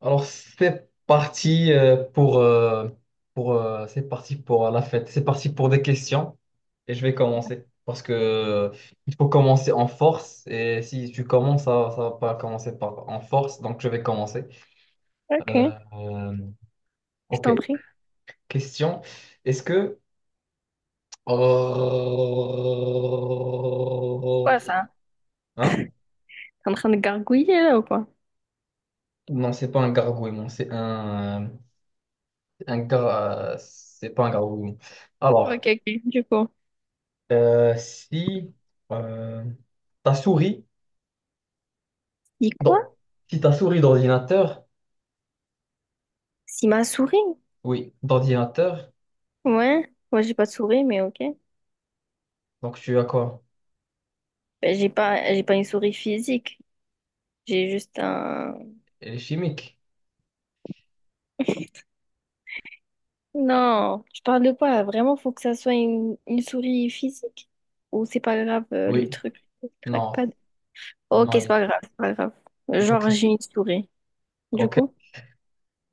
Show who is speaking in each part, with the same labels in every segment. Speaker 1: Alors, c'est parti pour la fête. C'est parti pour des questions et je vais commencer parce que il faut commencer en force, et si tu commences, ça va pas commencer par en force, donc je vais commencer.
Speaker 2: Ok,
Speaker 1: Euh, euh,
Speaker 2: je
Speaker 1: ok,
Speaker 2: t'en prie.
Speaker 1: question. Est-ce que Oh.
Speaker 2: Quoi ça?
Speaker 1: Hein?
Speaker 2: T'es en train de gargouiller là ou quoi?
Speaker 1: Non, c'est pas un gargouillement, c'est un, c'est pas un gargouillement.
Speaker 2: Ok,
Speaker 1: Alors.
Speaker 2: ok, du coup.
Speaker 1: Si euh, ta souris,
Speaker 2: Dis quoi?
Speaker 1: dans- si ta souris d'ordinateur,
Speaker 2: Si ma souris?
Speaker 1: oui, d'ordinateur,
Speaker 2: Ouais, moi j'ai pas de souris, mais ok.
Speaker 1: donc tu as quoi?
Speaker 2: Ben, j'ai pas une souris physique. J'ai juste un.
Speaker 1: Elle est chimique?
Speaker 2: Non, tu parles de quoi là? Vraiment, faut que ça soit une souris physique? Ou c'est pas grave le
Speaker 1: Oui,
Speaker 2: truc, le
Speaker 1: non,
Speaker 2: trackpad? Ok,
Speaker 1: non,
Speaker 2: c'est
Speaker 1: il,
Speaker 2: pas grave, c'est pas grave.
Speaker 1: il faut que
Speaker 2: Genre,
Speaker 1: ça.
Speaker 2: j'ai une souris. Du
Speaker 1: Ok.
Speaker 2: coup?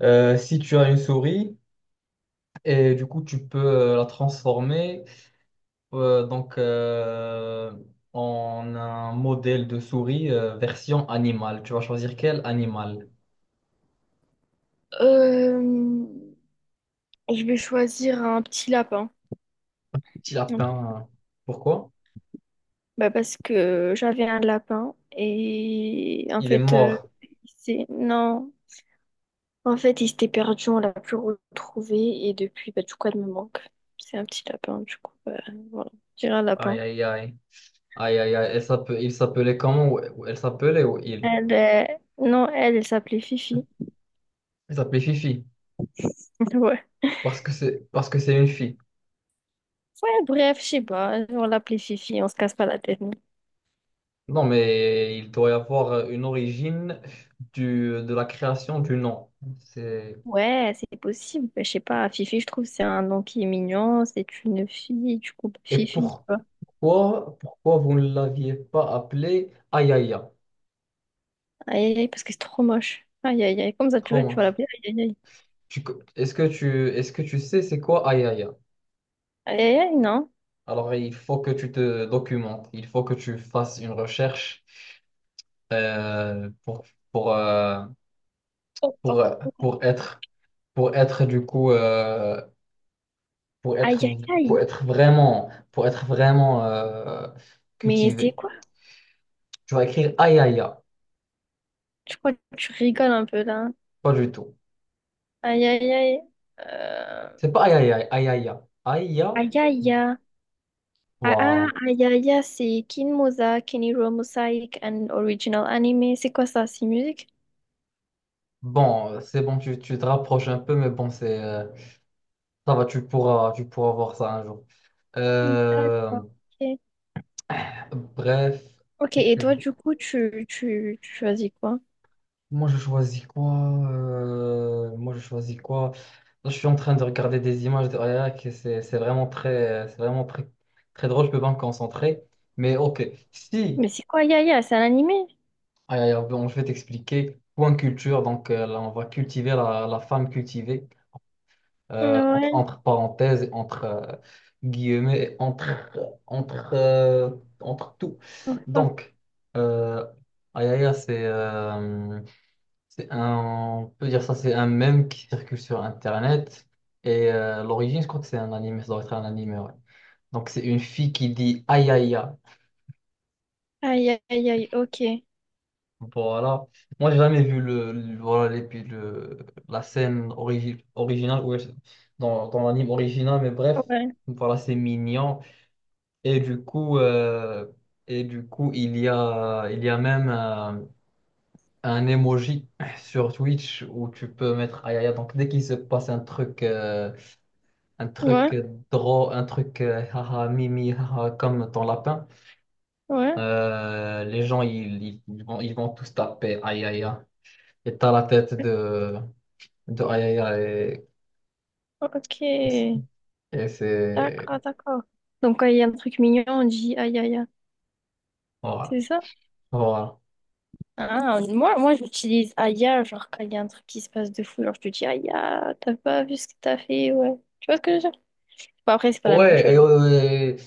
Speaker 1: Si tu as une souris, et du coup tu peux la transformer, euh, donc euh, en un modèle de souris, version animale. Tu vas choisir quel animal?
Speaker 2: Euh, je vais choisir un petit lapin.
Speaker 1: Petit lapin. Pourquoi?
Speaker 2: Bah parce que j'avais un lapin et en
Speaker 1: Il est
Speaker 2: fait,
Speaker 1: mort.
Speaker 2: non, en fait, il s'était perdu, on l'a plus retrouvé et depuis, bah, du coup, elle me manque. C'est un petit lapin, du coup, bah, voilà, j'ai un
Speaker 1: Aïe
Speaker 2: lapin.
Speaker 1: aïe aïe. Aïe, aïe, aïe, il s'appelait comment? Ou elle s'appelait, ou il?
Speaker 2: Elle, non, elle s'appelait Fifi.
Speaker 1: Il s'appelait Fifi,
Speaker 2: Ouais.
Speaker 1: parce que c'est une fille.
Speaker 2: Ouais, bref, je sais pas, on l'appelait Fifi, on se casse pas la tête. Nous.
Speaker 1: Non, mais il doit y avoir une origine de la création du nom. C'est...
Speaker 2: Ouais, c'est possible, bah, je sais pas, Fifi, je trouve, c'est un nom qui est mignon, c'est une fille, du coup,
Speaker 1: Et
Speaker 2: Fifi, tu
Speaker 1: pourquoi,
Speaker 2: vois.
Speaker 1: pourquoi vous ne l'aviez pas appelé Ayaya?
Speaker 2: Aïe, aïe, aïe, parce que c'est trop moche. Aïe, aïe, aïe, comme ça, tu
Speaker 1: Trop
Speaker 2: vois, tu vas
Speaker 1: moche.
Speaker 2: l'appeler, aïe, aïe, aïe.
Speaker 1: Est-ce que tu sais c'est quoi Ayaya?
Speaker 2: Aïe, aïe, aïe, non.
Speaker 1: Alors, il faut que tu te documentes, il faut que tu fasses une recherche, euh, pour, pour, euh, pour,
Speaker 2: Attends.
Speaker 1: pour être. pour être du coup euh, pour
Speaker 2: Aïe,
Speaker 1: être
Speaker 2: aïe,
Speaker 1: pour
Speaker 2: aïe.
Speaker 1: être vraiment pour être vraiment
Speaker 2: Mais c'est
Speaker 1: cultivé.
Speaker 2: quoi?
Speaker 1: Tu vas écrire aïe aïe aïe.
Speaker 2: Je crois que tu rigoles un peu là.
Speaker 1: Pas du tout.
Speaker 2: Aïe, aïe, aïe. Euh...
Speaker 1: C'est pas aïe aïe aïe aïe aïe aïe aïe.
Speaker 2: Aïe, aïe,
Speaker 1: Aïe.
Speaker 2: aïe. Ah, ah,
Speaker 1: Waouh.
Speaker 2: aïe, aïe, aïe, c'est Kinmoza, Keniro Mosaic, and original anime. C'est quoi ça? C'est musique?
Speaker 1: Bon, c'est bon, tu te rapproches un peu, mais bon, c'est ça va, tu pourras voir ça un jour.
Speaker 2: D'accord.
Speaker 1: Euh,
Speaker 2: Ok.
Speaker 1: Bref.
Speaker 2: Ok,
Speaker 1: Qu'est-ce
Speaker 2: et
Speaker 1: que
Speaker 2: toi, du coup, tu choisis quoi?
Speaker 1: Moi, je choisis quoi? Moi, je choisis quoi? Là, je suis en train de regarder des images de Ayak, et c'est vraiment très, c'est vraiment très, très drôle. Je peux pas me concentrer. Mais ok, si,
Speaker 2: Mais c'est quoi, aïe, aïe, aïe? C'est un animé?
Speaker 1: aïe, aïe, aïe, bon, je vais t'expliquer. Point culture. Donc là, on va cultiver la femme cultivée, entre,
Speaker 2: Ouais.
Speaker 1: entre parenthèses, entre guillemets, entre tout. Donc, euh, aïe, aïe, aïe, c'est un, on peut dire ça, c'est un mème qui circule sur Internet. Et l'origine, je crois que c'est un anime, ça doit être un anime, ouais. Donc c'est une fille qui dit aïe aïe aïe.
Speaker 2: Aïe, aïe, aïe, ok.
Speaker 1: Voilà. Moi, j'ai jamais vu le, voilà, puis la scène originale, ouais, dans l'anime original, mais bref,
Speaker 2: Ouais.
Speaker 1: voilà, c'est mignon. Et du coup, euh, et du coup, il y a même un emoji sur Twitch où tu peux mettre aïe aïe aïe. Donc dès qu'il se passe un truc, euh, un
Speaker 2: Ouais,
Speaker 1: truc drôle, un truc, haha, mimi, haha, comme ton lapin,
Speaker 2: ouais.
Speaker 1: les gens, ils vont tous taper aïe aïe aïe. Et t'as la tête de, aïe aïe aïe.
Speaker 2: Ok.
Speaker 1: Et c'est.
Speaker 2: D'accord, d'accord. Donc, quand il y a un truc mignon, on dit aïe aïe aïe.
Speaker 1: Voilà.
Speaker 2: C'est ça?
Speaker 1: Voilà.
Speaker 2: Ah, moi, moi j'utilise aïe aïe, genre quand il y a un truc qui se passe de fou, genre je te dis aïe aïe, t'as pas vu ce que t'as fait, ouais. Tu vois ce que je veux dire? Bon, après, c'est pas la même
Speaker 1: Ouais.
Speaker 2: chose.
Speaker 1: Euh, et-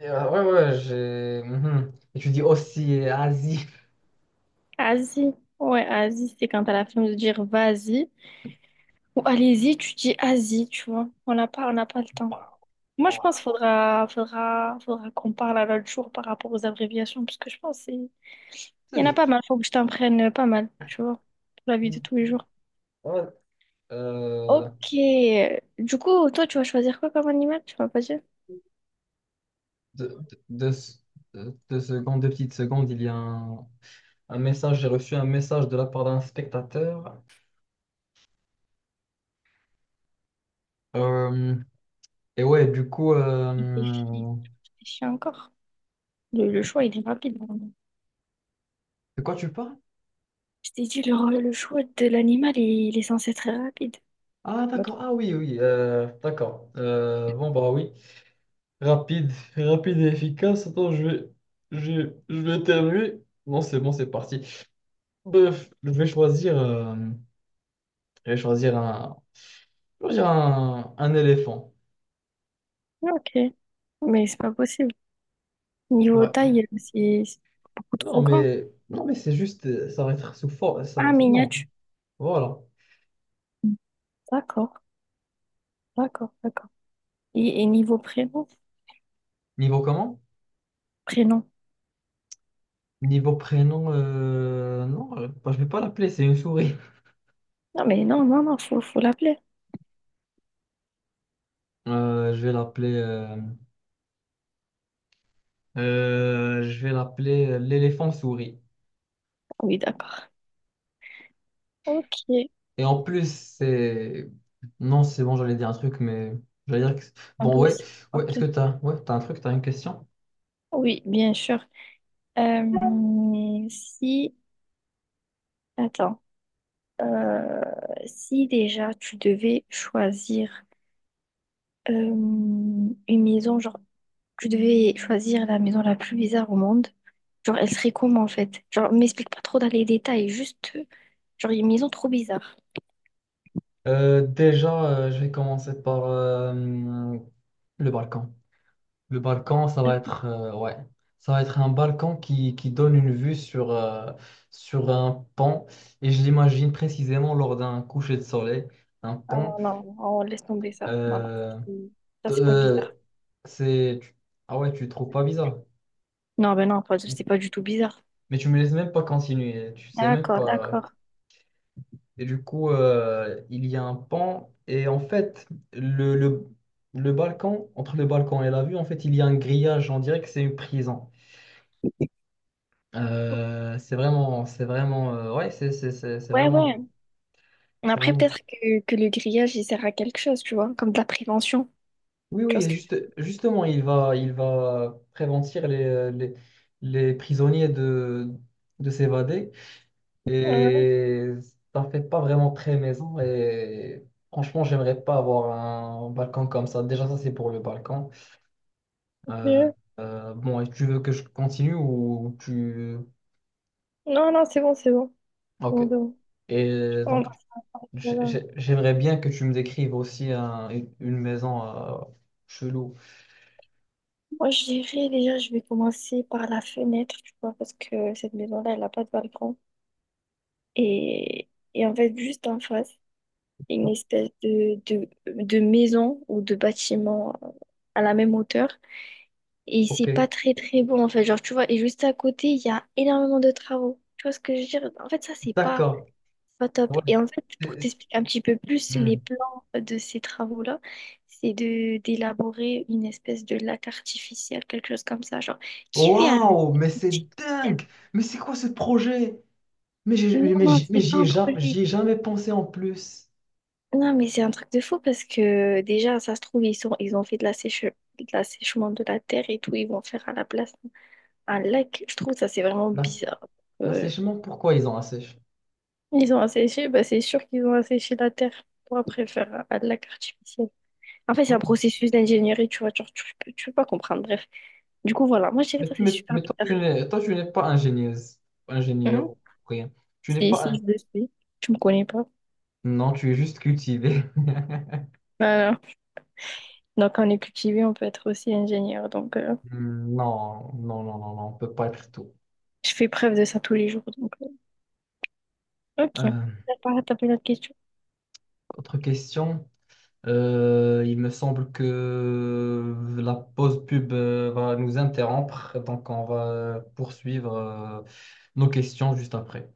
Speaker 1: et, euh, Ouais, ouais, j'ai. Mhm. Et tu dis aussi Asie.
Speaker 2: Asi, ouais, asi, c'est quand t'as la flemme de dire vas-y ou allez-y, tu dis asi, tu vois. On n'a pas le temps.
Speaker 1: Bah,
Speaker 2: Moi, je pense qu'il
Speaker 1: voilà.
Speaker 2: faudra qu'on parle à l'autre jour par rapport aux abréviations, parce que je pense que il y
Speaker 1: C'est
Speaker 2: en a pas
Speaker 1: juste.
Speaker 2: mal, faut que je t'en prenne pas mal, tu vois, pour la vie de tous les jours.
Speaker 1: Ouais. Euh,
Speaker 2: Ok. Du coup, toi, tu vas choisir quoi comme animal? Tu m'as pas dit.
Speaker 1: deux, deux, deux secondes, deux petites secondes, il y a un. Un message, j'ai reçu un message de la part d'un spectateur. Euh, et ouais, du coup,
Speaker 2: Réfléchis, réfléchis encore. Le choix, il est rapide.
Speaker 1: de quoi tu parles?
Speaker 2: Je t'ai dit, le choix de l'animal, il est censé être très rapide.
Speaker 1: Ah,
Speaker 2: Bah, tu-
Speaker 1: d'accord, ah oui, oui, d'accord. Bon, bah oui, rapide, rapide et efficace. Attends, je, je vais éternuer. Non, c'est bon, c'est parti. Bref, je vais choisir un, je vais choisir un éléphant.
Speaker 2: ok. Mais c'est pas possible.
Speaker 1: Ça
Speaker 2: Niveau
Speaker 1: va-
Speaker 2: taille, c'est beaucoup
Speaker 1: Non,
Speaker 2: trop grand.
Speaker 1: mais, non, mais c'est juste, ça va être sous forme.
Speaker 2: Ah,
Speaker 1: Non,
Speaker 2: miniature.
Speaker 1: voilà.
Speaker 2: D'accord, d'accord, d'accord. Et niveau prénom?
Speaker 1: Niveau comment?
Speaker 2: Prénom.
Speaker 1: Niveau prénom, non, bah, je vais pas l'appeler, c'est une souris.
Speaker 2: Non, mais non, non, non, faut, faut l'appeler.
Speaker 1: Euh, je vais l'appeler, euh, je vais l'appeler l'éléphant souris.
Speaker 2: Oui, d'accord. Ok,
Speaker 1: Et en plus, c'est, non, c'est bon, j'allais dire un truc, mais j'allais dire que,
Speaker 2: en
Speaker 1: bon, ouais,
Speaker 2: plus.
Speaker 1: ouais,
Speaker 2: Ok.
Speaker 1: ouais, t'as un truc, t'as une question?
Speaker 2: Oui, bien sûr. Si Attends, euh, si déjà tu devais choisir une maison, genre tu devais choisir la maison la plus bizarre au monde, genre elle serait comment en fait? Genre m'explique pas trop dans les détails, juste genre une maison trop bizarre.
Speaker 1: Déjà, je vais commencer par le Balkan. Le balcon, ça va
Speaker 2: Euh,
Speaker 1: être, euh, ouais, ça va être un balcon qui, donne une vue sur, sur un pont. Et je l'imagine précisément lors d'un coucher de soleil, un
Speaker 2: Ah
Speaker 1: pont.
Speaker 2: non, non, on laisse tomber ça. Non, non,
Speaker 1: Euh,
Speaker 2: c'est- ça
Speaker 1: t-
Speaker 2: c'est pas
Speaker 1: euh,
Speaker 2: bizarre.
Speaker 1: c'est, tu- ah ouais, tu le trouves pas bizarre.
Speaker 2: Non, ben non, c'est pas du tout bizarre.
Speaker 1: Mais tu me laisses même pas continuer, tu sais même
Speaker 2: D'accord,
Speaker 1: pas.
Speaker 2: d'accord.
Speaker 1: Et du coup, il y a un pont. Et en fait, le, le, le balcon, entre le balcon et la vue, en fait, il y a un grillage. On dirait que c'est une prison. C'est vraiment, ouais, c'est c'est- c'est- c'est
Speaker 2: Ouais,
Speaker 1: vraiment,
Speaker 2: ouais. Mais
Speaker 1: c'est
Speaker 2: après,
Speaker 1: vraiment.
Speaker 2: peut-être que le grillage, il sert à quelque chose, tu vois, comme de la prévention.
Speaker 1: Oui,
Speaker 2: Tu vois
Speaker 1: oui,
Speaker 2: ce que...
Speaker 1: justement, il va prévenir les prisonniers de, s'évader, et ça fait pas vraiment très maison, et franchement, j'aimerais pas avoir un balcon comme ça. Déjà, ça, c'est pour le balcon. Euh,
Speaker 2: Ok.
Speaker 1: bon, et tu veux que je continue ou tu...
Speaker 2: Non, non, c'est bon, c'est bon. C'est
Speaker 1: Ok.
Speaker 2: bon, c'est bon. Je
Speaker 1: Et donc.
Speaker 2: commence. Voilà.
Speaker 1: J'aimerais bien que tu me décrives aussi une maison chelou.
Speaker 2: Moi, je dirais déjà, je vais commencer par la fenêtre, tu vois, parce que cette maison-là, elle n'a pas de balcon. Et, et en fait, juste en face, il y a une espèce de, de maison ou de bâtiment à la même hauteur. Et c'est
Speaker 1: Ok,
Speaker 2: pas très, très beau, en fait. Genre, tu vois, et juste à côté, il y a énormément de travaux. Tu vois ce que je veux dire? En fait, ça, c'est pas.
Speaker 1: d'accord.
Speaker 2: Pas top.
Speaker 1: Ouais.
Speaker 2: Et en fait, pour
Speaker 1: C'est-
Speaker 2: t'expliquer un petit peu plus
Speaker 1: hmm.
Speaker 2: les plans de ces travaux-là, c'est de d'élaborer une espèce de lac artificiel, quelque chose comme ça, genre, qui fait un lac
Speaker 1: Waouh, mais c'est
Speaker 2: artificiel.
Speaker 1: dingue! Mais c'est quoi ce projet? Mais
Speaker 2: Non, non, c'est pas un projet.
Speaker 1: j'y ai jamais pensé en plus.
Speaker 2: Non, mais c'est un truc de fou parce que déjà, ça se trouve, ils ont fait de la de l'assèchement de la terre et tout, ils vont faire à la place un lac. Je trouve ça, c'est vraiment
Speaker 1: L'ass-
Speaker 2: bizarre. Euh,
Speaker 1: L'assèchement, pourquoi ils ont assèché?
Speaker 2: ils ont asséché, bah, c'est sûr qu'ils ont asséché la terre pour après faire un lac artificiel. En fait, c'est un
Speaker 1: Oh.
Speaker 2: processus d'ingénierie, tu vois, genre, tu peux pas comprendre. Bref. Du coup, voilà. Moi, je dirais que
Speaker 1: Mais,
Speaker 2: ça, c'est
Speaker 1: mais-
Speaker 2: super
Speaker 1: mais toi,
Speaker 2: bizarre.
Speaker 1: toi, tu n'es pas ingénieuse,
Speaker 2: Mhm.
Speaker 1: ingénieur, rien. Tu n'es
Speaker 2: Si,
Speaker 1: pas
Speaker 2: si,
Speaker 1: un-
Speaker 2: je le suis. Tu me connais pas.
Speaker 1: Non, tu es juste cultivé.
Speaker 2: Voilà. Donc, on est cultivé, on peut être aussi ingénieur. Donc,
Speaker 1: Non, non, non, non, non, on peut pas être tout.
Speaker 2: je fais preuve de ça tous les jours. Donc, ok.
Speaker 1: Euh,
Speaker 2: T'as pas une autre question?
Speaker 1: Autre question. Il me semble que la pause pub va nous interrompre, donc on va poursuivre nos questions juste après.